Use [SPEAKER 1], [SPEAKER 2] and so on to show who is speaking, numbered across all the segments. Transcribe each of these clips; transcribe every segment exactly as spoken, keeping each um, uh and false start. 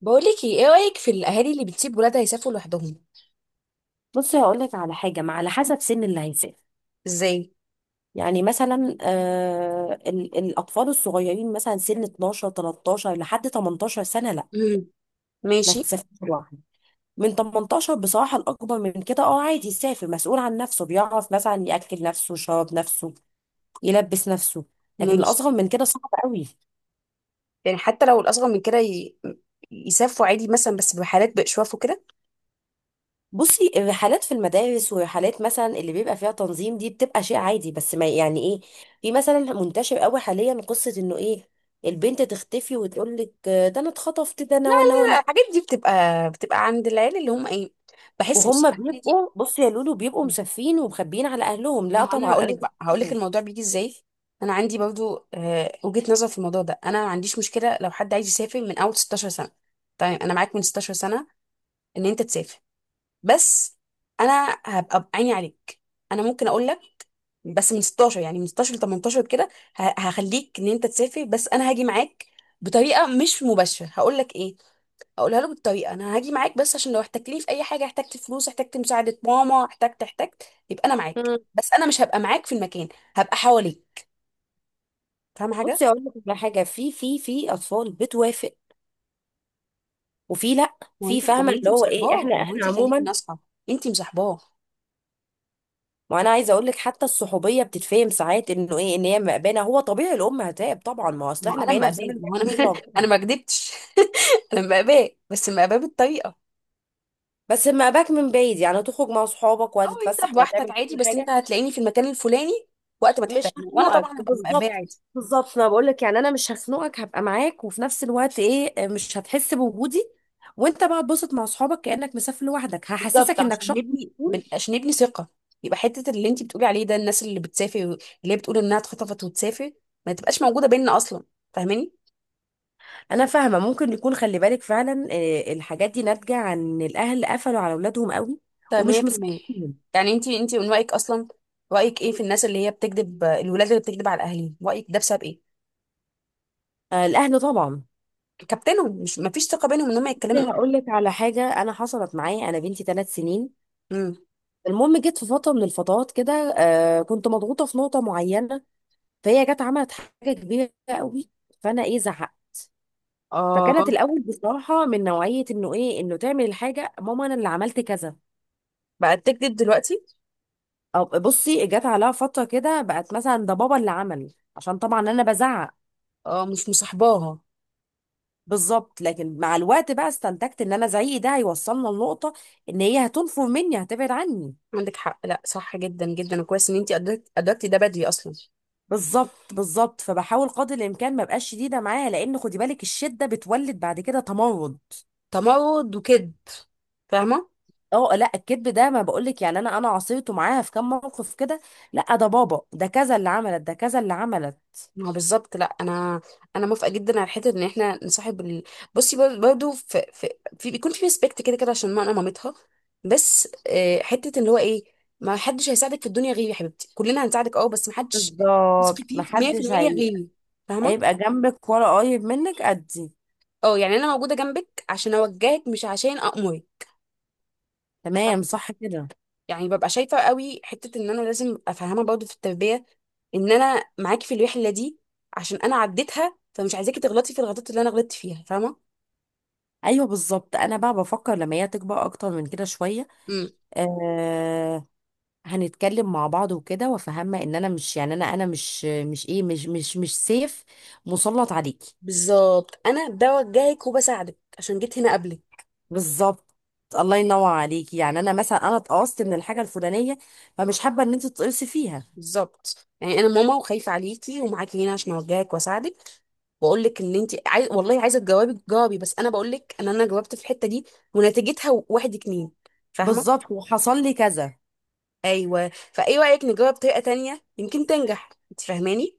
[SPEAKER 1] بقولك ايه، إيه رأيك في الأهالي اللي بتسيب ولادها يسافروا لوحدهم؟
[SPEAKER 2] بصي، هقولك على حاجة. ما على حسب سن اللي هيسافر.
[SPEAKER 1] ازاي؟
[SPEAKER 2] يعني مثلا آه ال- الأطفال الصغيرين مثلا سن اتناشر تلتاشر لحد تمنتاشر سنة، لا
[SPEAKER 1] مم.
[SPEAKER 2] ما
[SPEAKER 1] ماشي.
[SPEAKER 2] تسافرش لوحده. من ثمانية عشر بصراحة الأكبر من كده اه عادي يسافر، مسؤول عن نفسه، بيعرف مثلا يأكل نفسه، يشرب نفسه، يلبس نفسه. لكن
[SPEAKER 1] ماشي.
[SPEAKER 2] الأصغر من كده صعب قوي.
[SPEAKER 1] يعني حتى لو الأصغر من كده ي... يسافروا عادي مثلا، بس بحالات بإشواف وكده.
[SPEAKER 2] بصي، الرحلات في المدارس ورحلات مثلا اللي بيبقى فيها تنظيم دي بتبقى شيء عادي، بس ما يعني ايه، في مثلا منتشر قوي حاليا قصة انه ايه، البنت تختفي وتقول لك ده انا اتخطفت ده
[SPEAKER 1] لا
[SPEAKER 2] انا وانا
[SPEAKER 1] لا
[SPEAKER 2] وانا.
[SPEAKER 1] لا، الحاجات دي بتبقى، بتبقى عند العيال اللي هم ايه. بحس، بصي
[SPEAKER 2] وهم
[SPEAKER 1] الحاجات دي
[SPEAKER 2] بيبقوا، بصي يا لولو، بيبقوا مسافين ومخبيين على اهلهم.
[SPEAKER 1] ما
[SPEAKER 2] لا
[SPEAKER 1] هو أنا
[SPEAKER 2] طبعا
[SPEAKER 1] هقول
[SPEAKER 2] انا
[SPEAKER 1] لك
[SPEAKER 2] مش
[SPEAKER 1] بقى، هقول لك
[SPEAKER 2] كده.
[SPEAKER 1] الموضوع بيجي ازاي. أنا عندي برضو آه، وجهة نظر في الموضوع ده. أنا ما عنديش مشكلة لو حد عايز يسافر من أول ستاشر سنة. طيب أنا معاك من ستاشر سنة إن أنت تسافر، بس انا هبقى بعيني عليك. انا ممكن اقول لك بس من ستاشر، يعني من ستاشر ل تمنتاشر كده. ه- هخليك ان انت تسافر، بس انا هاجي معاك. بطريقه مش مباشره هقول لك ايه، اقولها له بالطريقه. انا هاجي معاك بس عشان لو احتجتني في اي حاجه، احتجت فلوس، احتجت مساعده ماما، احتجت احتجت يبقى انا معاك،
[SPEAKER 2] مم.
[SPEAKER 1] بس انا مش هبقى معاك في المكان. هبقى حواليك. فاهم حاجه؟
[SPEAKER 2] بصي اقول لك على حاجه، في في في اطفال بتوافق وفي لا،
[SPEAKER 1] ما هو
[SPEAKER 2] في
[SPEAKER 1] انت ما هو
[SPEAKER 2] فاهمه
[SPEAKER 1] انت
[SPEAKER 2] اللي هو ايه،
[SPEAKER 1] مصاحباه،
[SPEAKER 2] احنا
[SPEAKER 1] ما هو
[SPEAKER 2] احنا
[SPEAKER 1] انت خليكي
[SPEAKER 2] عموما.
[SPEAKER 1] ناصحه. انت مصاحباه.
[SPEAKER 2] ما انا عايزه اقول لك حتى الصحوبيه بتتفهم ساعات انه ايه، ان هي مأبانه، هو طبيعي الام هتعب طبعا، ما هو اصل
[SPEAKER 1] ما هو
[SPEAKER 2] احنا
[SPEAKER 1] انا
[SPEAKER 2] بقينا في
[SPEAKER 1] مقاباه
[SPEAKER 2] زمن بقى
[SPEAKER 1] ما هو انا
[SPEAKER 2] من دون
[SPEAKER 1] انا
[SPEAKER 2] ربنا.
[SPEAKER 1] ما كدبتش. انا مقاباه، بس مقاباه بالطريقه.
[SPEAKER 2] بس مأباك من بعيد، يعني هتخرج مع صحابك
[SPEAKER 1] او انت
[SPEAKER 2] وهتتفسح
[SPEAKER 1] بوحدك
[SPEAKER 2] وهتعمل
[SPEAKER 1] عادي،
[SPEAKER 2] كل
[SPEAKER 1] بس انت
[SPEAKER 2] حاجه،
[SPEAKER 1] هتلاقيني في المكان الفلاني وقت ما
[SPEAKER 2] مش
[SPEAKER 1] تحتاجني، وانا طبعا
[SPEAKER 2] هخنقك
[SPEAKER 1] هبقى مقبيه
[SPEAKER 2] بالظبط.
[SPEAKER 1] عادي.
[SPEAKER 2] بالظبط، انا بقول لك، يعني انا مش هخنقك، هبقى معاك وفي نفس الوقت ايه، مش هتحس بوجودي، وانت بقى تبسط مع صحابك كأنك مسافر لوحدك،
[SPEAKER 1] بالظبط،
[SPEAKER 2] هحسسك انك
[SPEAKER 1] عشان
[SPEAKER 2] شخص
[SPEAKER 1] نبني بن-
[SPEAKER 2] مسؤول.
[SPEAKER 1] عشان نبني ثقه. يبقى حته اللي انت بتقولي عليه ده، الناس اللي بتسافر اللي هي بتقول انها اتخطفت وتسافر، ما تبقاش موجوده بيننا اصلا. فاهماني؟
[SPEAKER 2] انا فاهمه. ممكن يكون، خلي بالك فعلا، آه، الحاجات دي ناتجه عن الاهل قفلوا على اولادهم قوي
[SPEAKER 1] طيب
[SPEAKER 2] ومش
[SPEAKER 1] مية بالمية.
[SPEAKER 2] مسؤولين.
[SPEAKER 1] يعني انت انت من رايك اصلا، رايك ايه في الناس اللي هي بتكذب، الولاد اللي بتكذب على اهاليهم؟ رايك ده بسبب ايه؟
[SPEAKER 2] آه، الاهل طبعا.
[SPEAKER 1] كابتنهم، مش ما فيش ثقه بينهم ان هم يتكلموا يقولوا.
[SPEAKER 2] هقول لك على حاجه، انا حصلت معايا، انا بنتي ثلاث سنين.
[SPEAKER 1] امم.
[SPEAKER 2] المهم، جت في فتره من الفترات كده، آه كنت مضغوطه في نقطه معينه، فهي جت عملت حاجه كبيره قوي، فانا ايه زعقت.
[SPEAKER 1] اه.
[SPEAKER 2] فكانت الاول بصراحه من نوعيه انه ايه، انه تعمل الحاجه، ماما انا اللي عملت كذا.
[SPEAKER 1] بقت تكذب دلوقتي.
[SPEAKER 2] او بصي، جت عليها فتره كده بقت مثلا ده بابا اللي عمل، عشان طبعا انا بزعق.
[SPEAKER 1] اه، مش مصاحباها.
[SPEAKER 2] بالظبط. لكن مع الوقت بقى استنتجت ان انا زعيقي ده هيوصلنا لنقطه، ان هي هتنفر مني هتبعد عني.
[SPEAKER 1] عندك حق، لا صح جدا جدا. وكويس ان انتي أدركت- ادركتي ده بدري اصلا.
[SPEAKER 2] بالظبط بالظبط. فبحاول قدر الامكان ما ابقاش شديده معاها، لان خدي بالك، الشده بتولد بعد كده تمرد.
[SPEAKER 1] تمرد وكذب. فاهمه.
[SPEAKER 2] اه لا، الكذب ده ما بقولك، يعني انا انا عصيته معاها في كام موقف كده. لا ده بابا، ده كذا اللي عملت، ده كذا اللي عملت.
[SPEAKER 1] ما هو بالظبط. لا انا انا موافقه جدا على حته ان احنا نصاحب ال... بصي بر- برضو في, في, في بيكون في ريسبكت كده كده، عشان ما انا مامتها. بس آه، حته اللي هو ايه، ما حدش هيساعدك في الدنيا غيري يا حبيبتي، كلنا هنساعدك اه، بس ما حدش تثقي
[SPEAKER 2] بالظبط.
[SPEAKER 1] فيه
[SPEAKER 2] محدش
[SPEAKER 1] ميه في الميه
[SPEAKER 2] هي...
[SPEAKER 1] غيري. فاهمه؟
[SPEAKER 2] هيبقى جنبك ولا قريب منك قدي.
[SPEAKER 1] اه، يعني انا موجوده جنبك عشان اوجهك، مش عشان امرك.
[SPEAKER 2] تمام، صح كده.
[SPEAKER 1] يعني ببقى شايفه قوي حته ان انا لازم ابقى فاهمه برضه في التربيه ان انا معاكي في الوحله دي، عشان انا عديتها فمش عايزاكي تغلطي في الغلطات اللي انا غلطت فيها. فاهمه؟
[SPEAKER 2] ايوه بالظبط. انا بقى بفكر لما هي تكبر اكتر من كده شويه،
[SPEAKER 1] امم.
[SPEAKER 2] آه، هنتكلم مع بعض وكده، وافهمها ان انا مش، يعني انا انا مش مش ايه، مش مش مش سيف مسلط عليكي.
[SPEAKER 1] بالظبط، انا بوجهك وبساعدك عشان جيت هنا قبلك.
[SPEAKER 2] بالظبط. الله ينور عليكي. يعني انا مثلا، انا اتقصت من الحاجه الفلانيه، فمش حابه ان انت تتقصي فيها.
[SPEAKER 1] بالظبط، يعني انا ماما وخايفه عليكي ومعاكي هنا عشان اوجهك واساعدك، واقول لك اللي انت عايز. والله عايزه تجاوبي تجاوبي، بس انا بقول لك ان انا جاوبت في الحته دي ونتيجتها واحد اتنين. فاهمه؟
[SPEAKER 2] بالظبط، وحصل لي كذا.
[SPEAKER 1] ايوه، فايه رايك نجاوب بطريقه تانية يمكن تنجح؟ انت فاهماني؟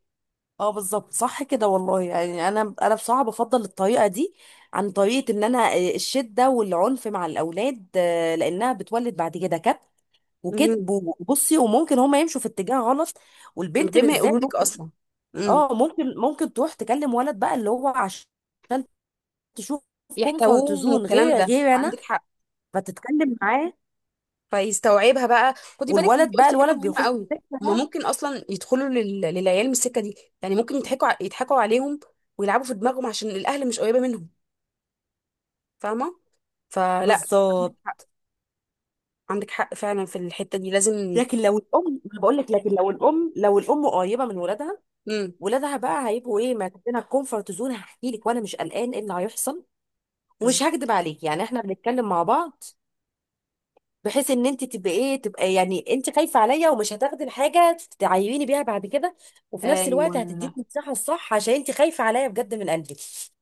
[SPEAKER 2] اه بالظبط، صح كده والله. يعني انا انا بصراحه بفضل الطريقه دي عن طريقه ان انا، آه، الشده والعنف مع الاولاد، آه، لانها بتولد بعد كده كب
[SPEAKER 1] مهم.
[SPEAKER 2] وكذب، وبصي، وممكن هما يمشوا في اتجاه غلط.
[SPEAKER 1] من
[SPEAKER 2] والبنت
[SPEAKER 1] غير ما
[SPEAKER 2] بالذات.
[SPEAKER 1] يقولوا لك اصلا. إمم.
[SPEAKER 2] اه ممكن، ممكن تروح تكلم ولد بقى اللي هو عشان تشوف كومفورت
[SPEAKER 1] يحتووهم
[SPEAKER 2] زون
[SPEAKER 1] والكلام
[SPEAKER 2] غير،
[SPEAKER 1] ده،
[SPEAKER 2] غير انا،
[SPEAKER 1] عندك حق.
[SPEAKER 2] فتتكلم معاه.
[SPEAKER 1] فيستوعبها بقى. خدي بالك، انت
[SPEAKER 2] والولد بقى،
[SPEAKER 1] قلتي حاجه
[SPEAKER 2] الولد
[SPEAKER 1] مهمه
[SPEAKER 2] بيخش في
[SPEAKER 1] قوي.
[SPEAKER 2] السكه
[SPEAKER 1] هما
[SPEAKER 2] بقى.
[SPEAKER 1] ممكن اصلا يدخلوا لل... للعيال من السكه دي، يعني ممكن يضحكوا ع- يضحكوا عليهم ويلعبوا في دماغهم عشان الاهل مش قريبه منهم. فاهمه؟ فلا، عندك
[SPEAKER 2] بالظبط.
[SPEAKER 1] حق. عندك حق فعلا، في الحته دي لازم.
[SPEAKER 2] لكن لو الام، بقول لك لكن لو الام، لو الام قريبه من ولادها،
[SPEAKER 1] امم.
[SPEAKER 2] ولادها بقى هيبقوا ايه، ماخدينها الكومفورت زون، هحكي لك وانا مش قلقان ايه اللي هيحصل، ومش
[SPEAKER 1] بالظبط.
[SPEAKER 2] هكدب عليك، يعني احنا بنتكلم مع بعض، بحيث ان انت تبقى ايه، تبقى يعني انت خايفه عليا ومش هتاخدي الحاجه تعيريني بيها بعد كده، وفي نفس الوقت
[SPEAKER 1] ايوه
[SPEAKER 2] هتديك المساحه الصح عشان انت خايفه عليا بجد من قلبك.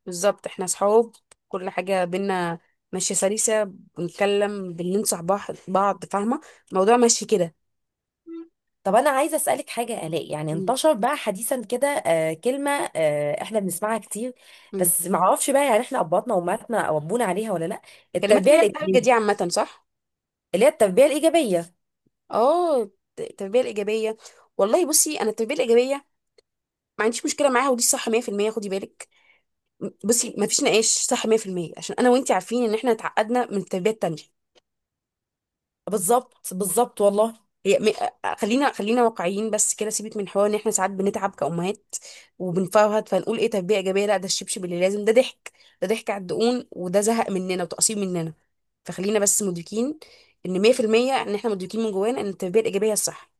[SPEAKER 1] بالظبط، احنا صحاب، كل حاجه بينا ماشيه سلسه، بنتكلم بننصح بعض بعض. فاهمه؟ الموضوع ماشي كده.
[SPEAKER 2] طب انا عايزه اسالك حاجه يا الاء، يعني
[SPEAKER 1] امم.
[SPEAKER 2] انتشر بقى حديثا كده آه كلمه، آه احنا بنسمعها كتير،
[SPEAKER 1] امم.
[SPEAKER 2] بس ما اعرفش بقى يعني احنا اباطنا وامهاتنا ربونا عليها ولا لا،
[SPEAKER 1] كلمات
[SPEAKER 2] التربيه
[SPEAKER 1] اللي هي الحاجه دي
[SPEAKER 2] الايجابيه.
[SPEAKER 1] عامه، صح؟
[SPEAKER 2] اللي هي التربيه الايجابيه.
[SPEAKER 1] اه، التربيه الايجابيه. والله بصي، انا التربيه الايجابيه ما عنديش مشكله معاها، ودي صح ميه في الميه. خدي بالك، م- بصي ما فيش نقاش، صح ميه في الميه. عشان انا وانتي عارفين ان احنا اتعقدنا من التربيه التانيه.
[SPEAKER 2] بالظبط بالظبط والله.
[SPEAKER 1] هي م... آه، خلينا، خلينا واقعيين. بس كده سيبك من حوار ان احنا ساعات بنتعب كأمهات وبنفرهد فنقول ايه تربيه ايجابيه، لا ده الشبشب اللي لازم. ده ضحك، ده ضحك على الدقون، وده زهق مننا وتقصير مننا. فخلينا بس مدركين ان ميه في الميه ان احنا مدركين من جوانا ان التربيه الايجابيه الصح.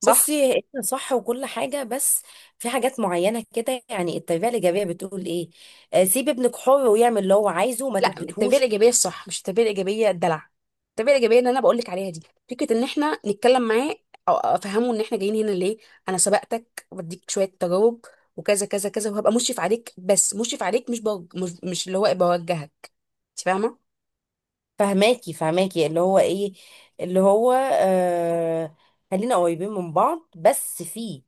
[SPEAKER 1] صح.
[SPEAKER 2] بصي، انت صح وكل حاجة، بس في حاجات معينة كده، يعني التربية الإيجابية بتقول إيه، آه، سيب ابنك حر ويعمل اللي هو عايزه وما
[SPEAKER 1] لا، التربيه
[SPEAKER 2] تكبتهوش.
[SPEAKER 1] الايجابيه الصح مش التربيه الايجابيه الدلع. التربيه الايجابيه اللي انا بقول لك عليها دي فكره ان احنا نتكلم معاه، او افهمه ان احنا جايين هنا ليه. انا سبقتك وبديك شويه تجارب، وكذا كذا كذا، وهبقى مشرف عليك، بس مشرف عليك مش بوج... مش, مش اللي هو بوجهك. انت فاهمه؟
[SPEAKER 2] فهماكي، فهماكي اللي هو إيه، اللي هو آه، خلينا قريبين من بعض بس في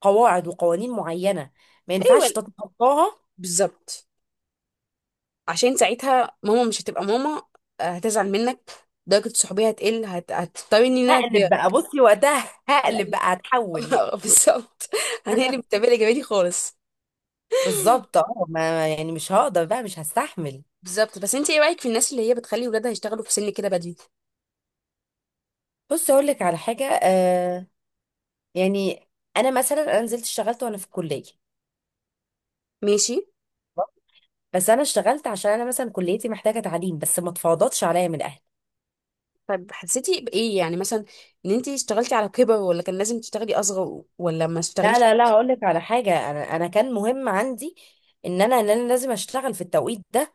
[SPEAKER 2] قواعد وقوانين معينة ما ينفعش
[SPEAKER 1] ايوه
[SPEAKER 2] تتخطاها.
[SPEAKER 1] بالظبط، عشان ساعتها ماما مش هتبقى ماما، آه، هتزعل منك. درجه الصحوبيه هتقل، هت... هتضطرني ان انا
[SPEAKER 2] هقلب
[SPEAKER 1] كبيره.
[SPEAKER 2] بقى، بصي وقتها
[SPEAKER 1] لا،
[SPEAKER 2] هقلب
[SPEAKER 1] اللي-
[SPEAKER 2] بقى، هتحول.
[SPEAKER 1] بالظبط، هنقلب التربيه الايجابيه دي خالص.
[SPEAKER 2] بالظبط. اه، ما يعني مش هقدر بقى، مش هستحمل.
[SPEAKER 1] بالظبط. بس انت ايه رايك في الناس اللي هي بتخلي ولادها يشتغلوا في سن كده بدري؟
[SPEAKER 2] بص اقول لك على حاجه، آه، يعني انا مثلا، انا نزلت اشتغلت وانا في الكليه،
[SPEAKER 1] ماشي.
[SPEAKER 2] بس انا اشتغلت عشان انا مثلا كليتي محتاجه تعليم، بس ما اتفاضتش عليا من اهلي.
[SPEAKER 1] طب حسيتي بايه يعني مثلا؟ ان انت اشتغلتي على كبر، ولا كان لازم تشتغلي اصغر، ولا ما
[SPEAKER 2] لا
[SPEAKER 1] اشتغليش
[SPEAKER 2] لا لا،
[SPEAKER 1] خالص؟
[SPEAKER 2] هقول لك على حاجه، انا انا كان مهم عندي ان انا، ان انا لازم اشتغل في التوقيت ده.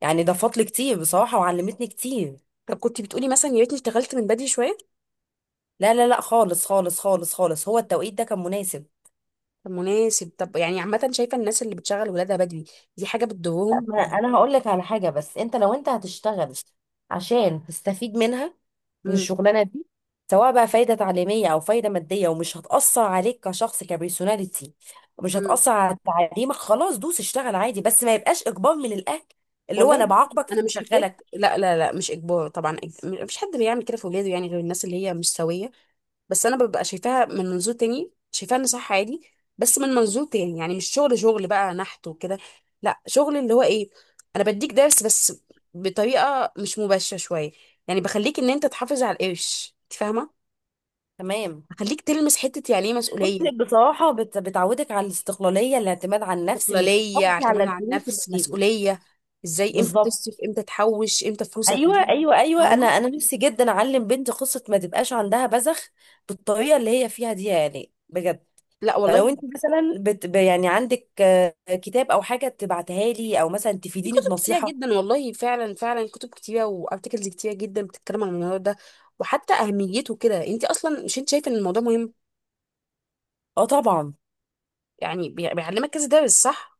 [SPEAKER 2] يعني ضافت لي كتير بصراحه وعلمتني كتير.
[SPEAKER 1] طب كنت بتقولي مثلا يا ريتني اشتغلت من بدري شويه؟
[SPEAKER 2] لا لا لا خالص، خالص خالص خالص هو التوقيت ده كان مناسب.
[SPEAKER 1] طب مناسب. طب يعني عامه، شايفه الناس اللي بتشغل ولادها بدري دي حاجه
[SPEAKER 2] لا،
[SPEAKER 1] بتضرهم؟
[SPEAKER 2] ما انا هقول لك على حاجه. بس انت لو انت هتشتغل عشان تستفيد منها، من
[SPEAKER 1] امم.
[SPEAKER 2] الشغلانه دي، سواء بقى فايده تعليميه او فايده ماديه، ومش هتاثر عليك كشخص، كبيرسوناليتي مش
[SPEAKER 1] امم.
[SPEAKER 2] هتاثر على تعليمك، خلاص دوس اشتغل عادي. بس ما يبقاش اجبار من الاهل اللي هو انا
[SPEAKER 1] والله
[SPEAKER 2] بعاقبك
[SPEAKER 1] انا مش حكايه،
[SPEAKER 2] فبشغلك.
[SPEAKER 1] لا لا لا مش اجبار طبعا، إج- مفيش حد بيعمل كده في ولاده يعني، غير الناس اللي هي مش سويه. بس انا ببقى شايفاها من منظور تاني، شايفاها ان صح عادي. بس من منظور تاني يعني مش شغل شغل بقى نحت وكده، لا شغل اللي هو ايه، انا بديك درس بس بطريقه مش مباشره شويه. يعني بخليك ان انت تحافظ على القرش. انت فاهمه؟
[SPEAKER 2] تمام.
[SPEAKER 1] بخليك تلمس حته يعني ايه
[SPEAKER 2] بص
[SPEAKER 1] مسؤوليه.
[SPEAKER 2] بصراحه، بت- بتعودك على الاستقلاليه، الاعتماد على النفس، انك
[SPEAKER 1] استقلاليه،
[SPEAKER 2] تحافظي على
[SPEAKER 1] اعتماد على
[SPEAKER 2] الفلوس اللي
[SPEAKER 1] النفس،
[SPEAKER 2] بتجيبك.
[SPEAKER 1] مسؤوليه، ازاي، امتى
[SPEAKER 2] بالظبط.
[SPEAKER 1] تصرف، امتى تحوش، امتى فلوسك
[SPEAKER 2] ايوه
[SPEAKER 1] دي.
[SPEAKER 2] ايوه ايوه، انا
[SPEAKER 1] فاهمه؟
[SPEAKER 2] انا نفسي جدا اعلم بنتي قصه ما تبقاش عندها بذخ بالطريقه اللي هي فيها دي، يعني بجد.
[SPEAKER 1] لا
[SPEAKER 2] فلو انت
[SPEAKER 1] والله.
[SPEAKER 2] مثلا بت ب- يعني عندك، آه، كتاب او حاجه تبعتها لي، او مثلا
[SPEAKER 1] في
[SPEAKER 2] تفيديني
[SPEAKER 1] كتب كتيرة
[SPEAKER 2] بنصيحه.
[SPEAKER 1] جدا والله، فعلا فعلا كتب كتيرة وارتكلز كتيرة جدا بتتكلم عن الموضوع ده وحتى أهميته كده. انت أصلا مش انت شايفة ان الموضوع مهم؟
[SPEAKER 2] اه طبعا.
[SPEAKER 1] يعني بي- بيعلمك كذا درس، صح؟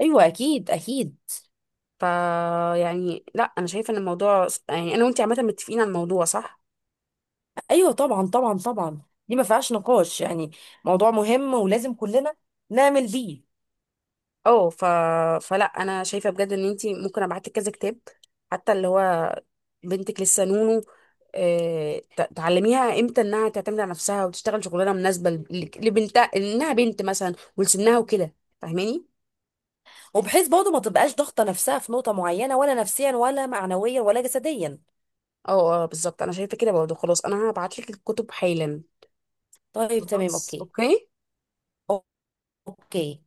[SPEAKER 2] ايوه اكيد اكيد.
[SPEAKER 1] فا يعني لا، أنا شايفة ان الموضوع، يعني أنا وانت عامة متفقين على الموضوع، صح؟
[SPEAKER 2] ايوه طبعا طبعا طبعا، دي ما فيهاش نقاش يعني، موضوع مهم ولازم كلنا نعمل بيه.
[SPEAKER 1] اه ف... فلا أنا شايفة بجد ان انت ممكن أبعتلك كذا كتاب، حتى اللي هو بنتك لسه نونو، آه، ت- تعلميها امتى انها تعتمد على نفسها، وتشتغل شغلانه مناسبه ل- لبنتها، انها بنت مثلا ولسنها وكده. فاهماني؟
[SPEAKER 2] وبحيث برضه ما تبقاش ضاغطه نفسها في نقطه معينه ولا نفسيا ولا معنويا ولا جسديا.
[SPEAKER 1] اه اه بالظبط، انا شايفه كده برضه. خلاص انا هبعت لك الكتب حالا.
[SPEAKER 2] طيب تمام،
[SPEAKER 1] خلاص،
[SPEAKER 2] اوكي.
[SPEAKER 1] اوكي.
[SPEAKER 2] اوكي.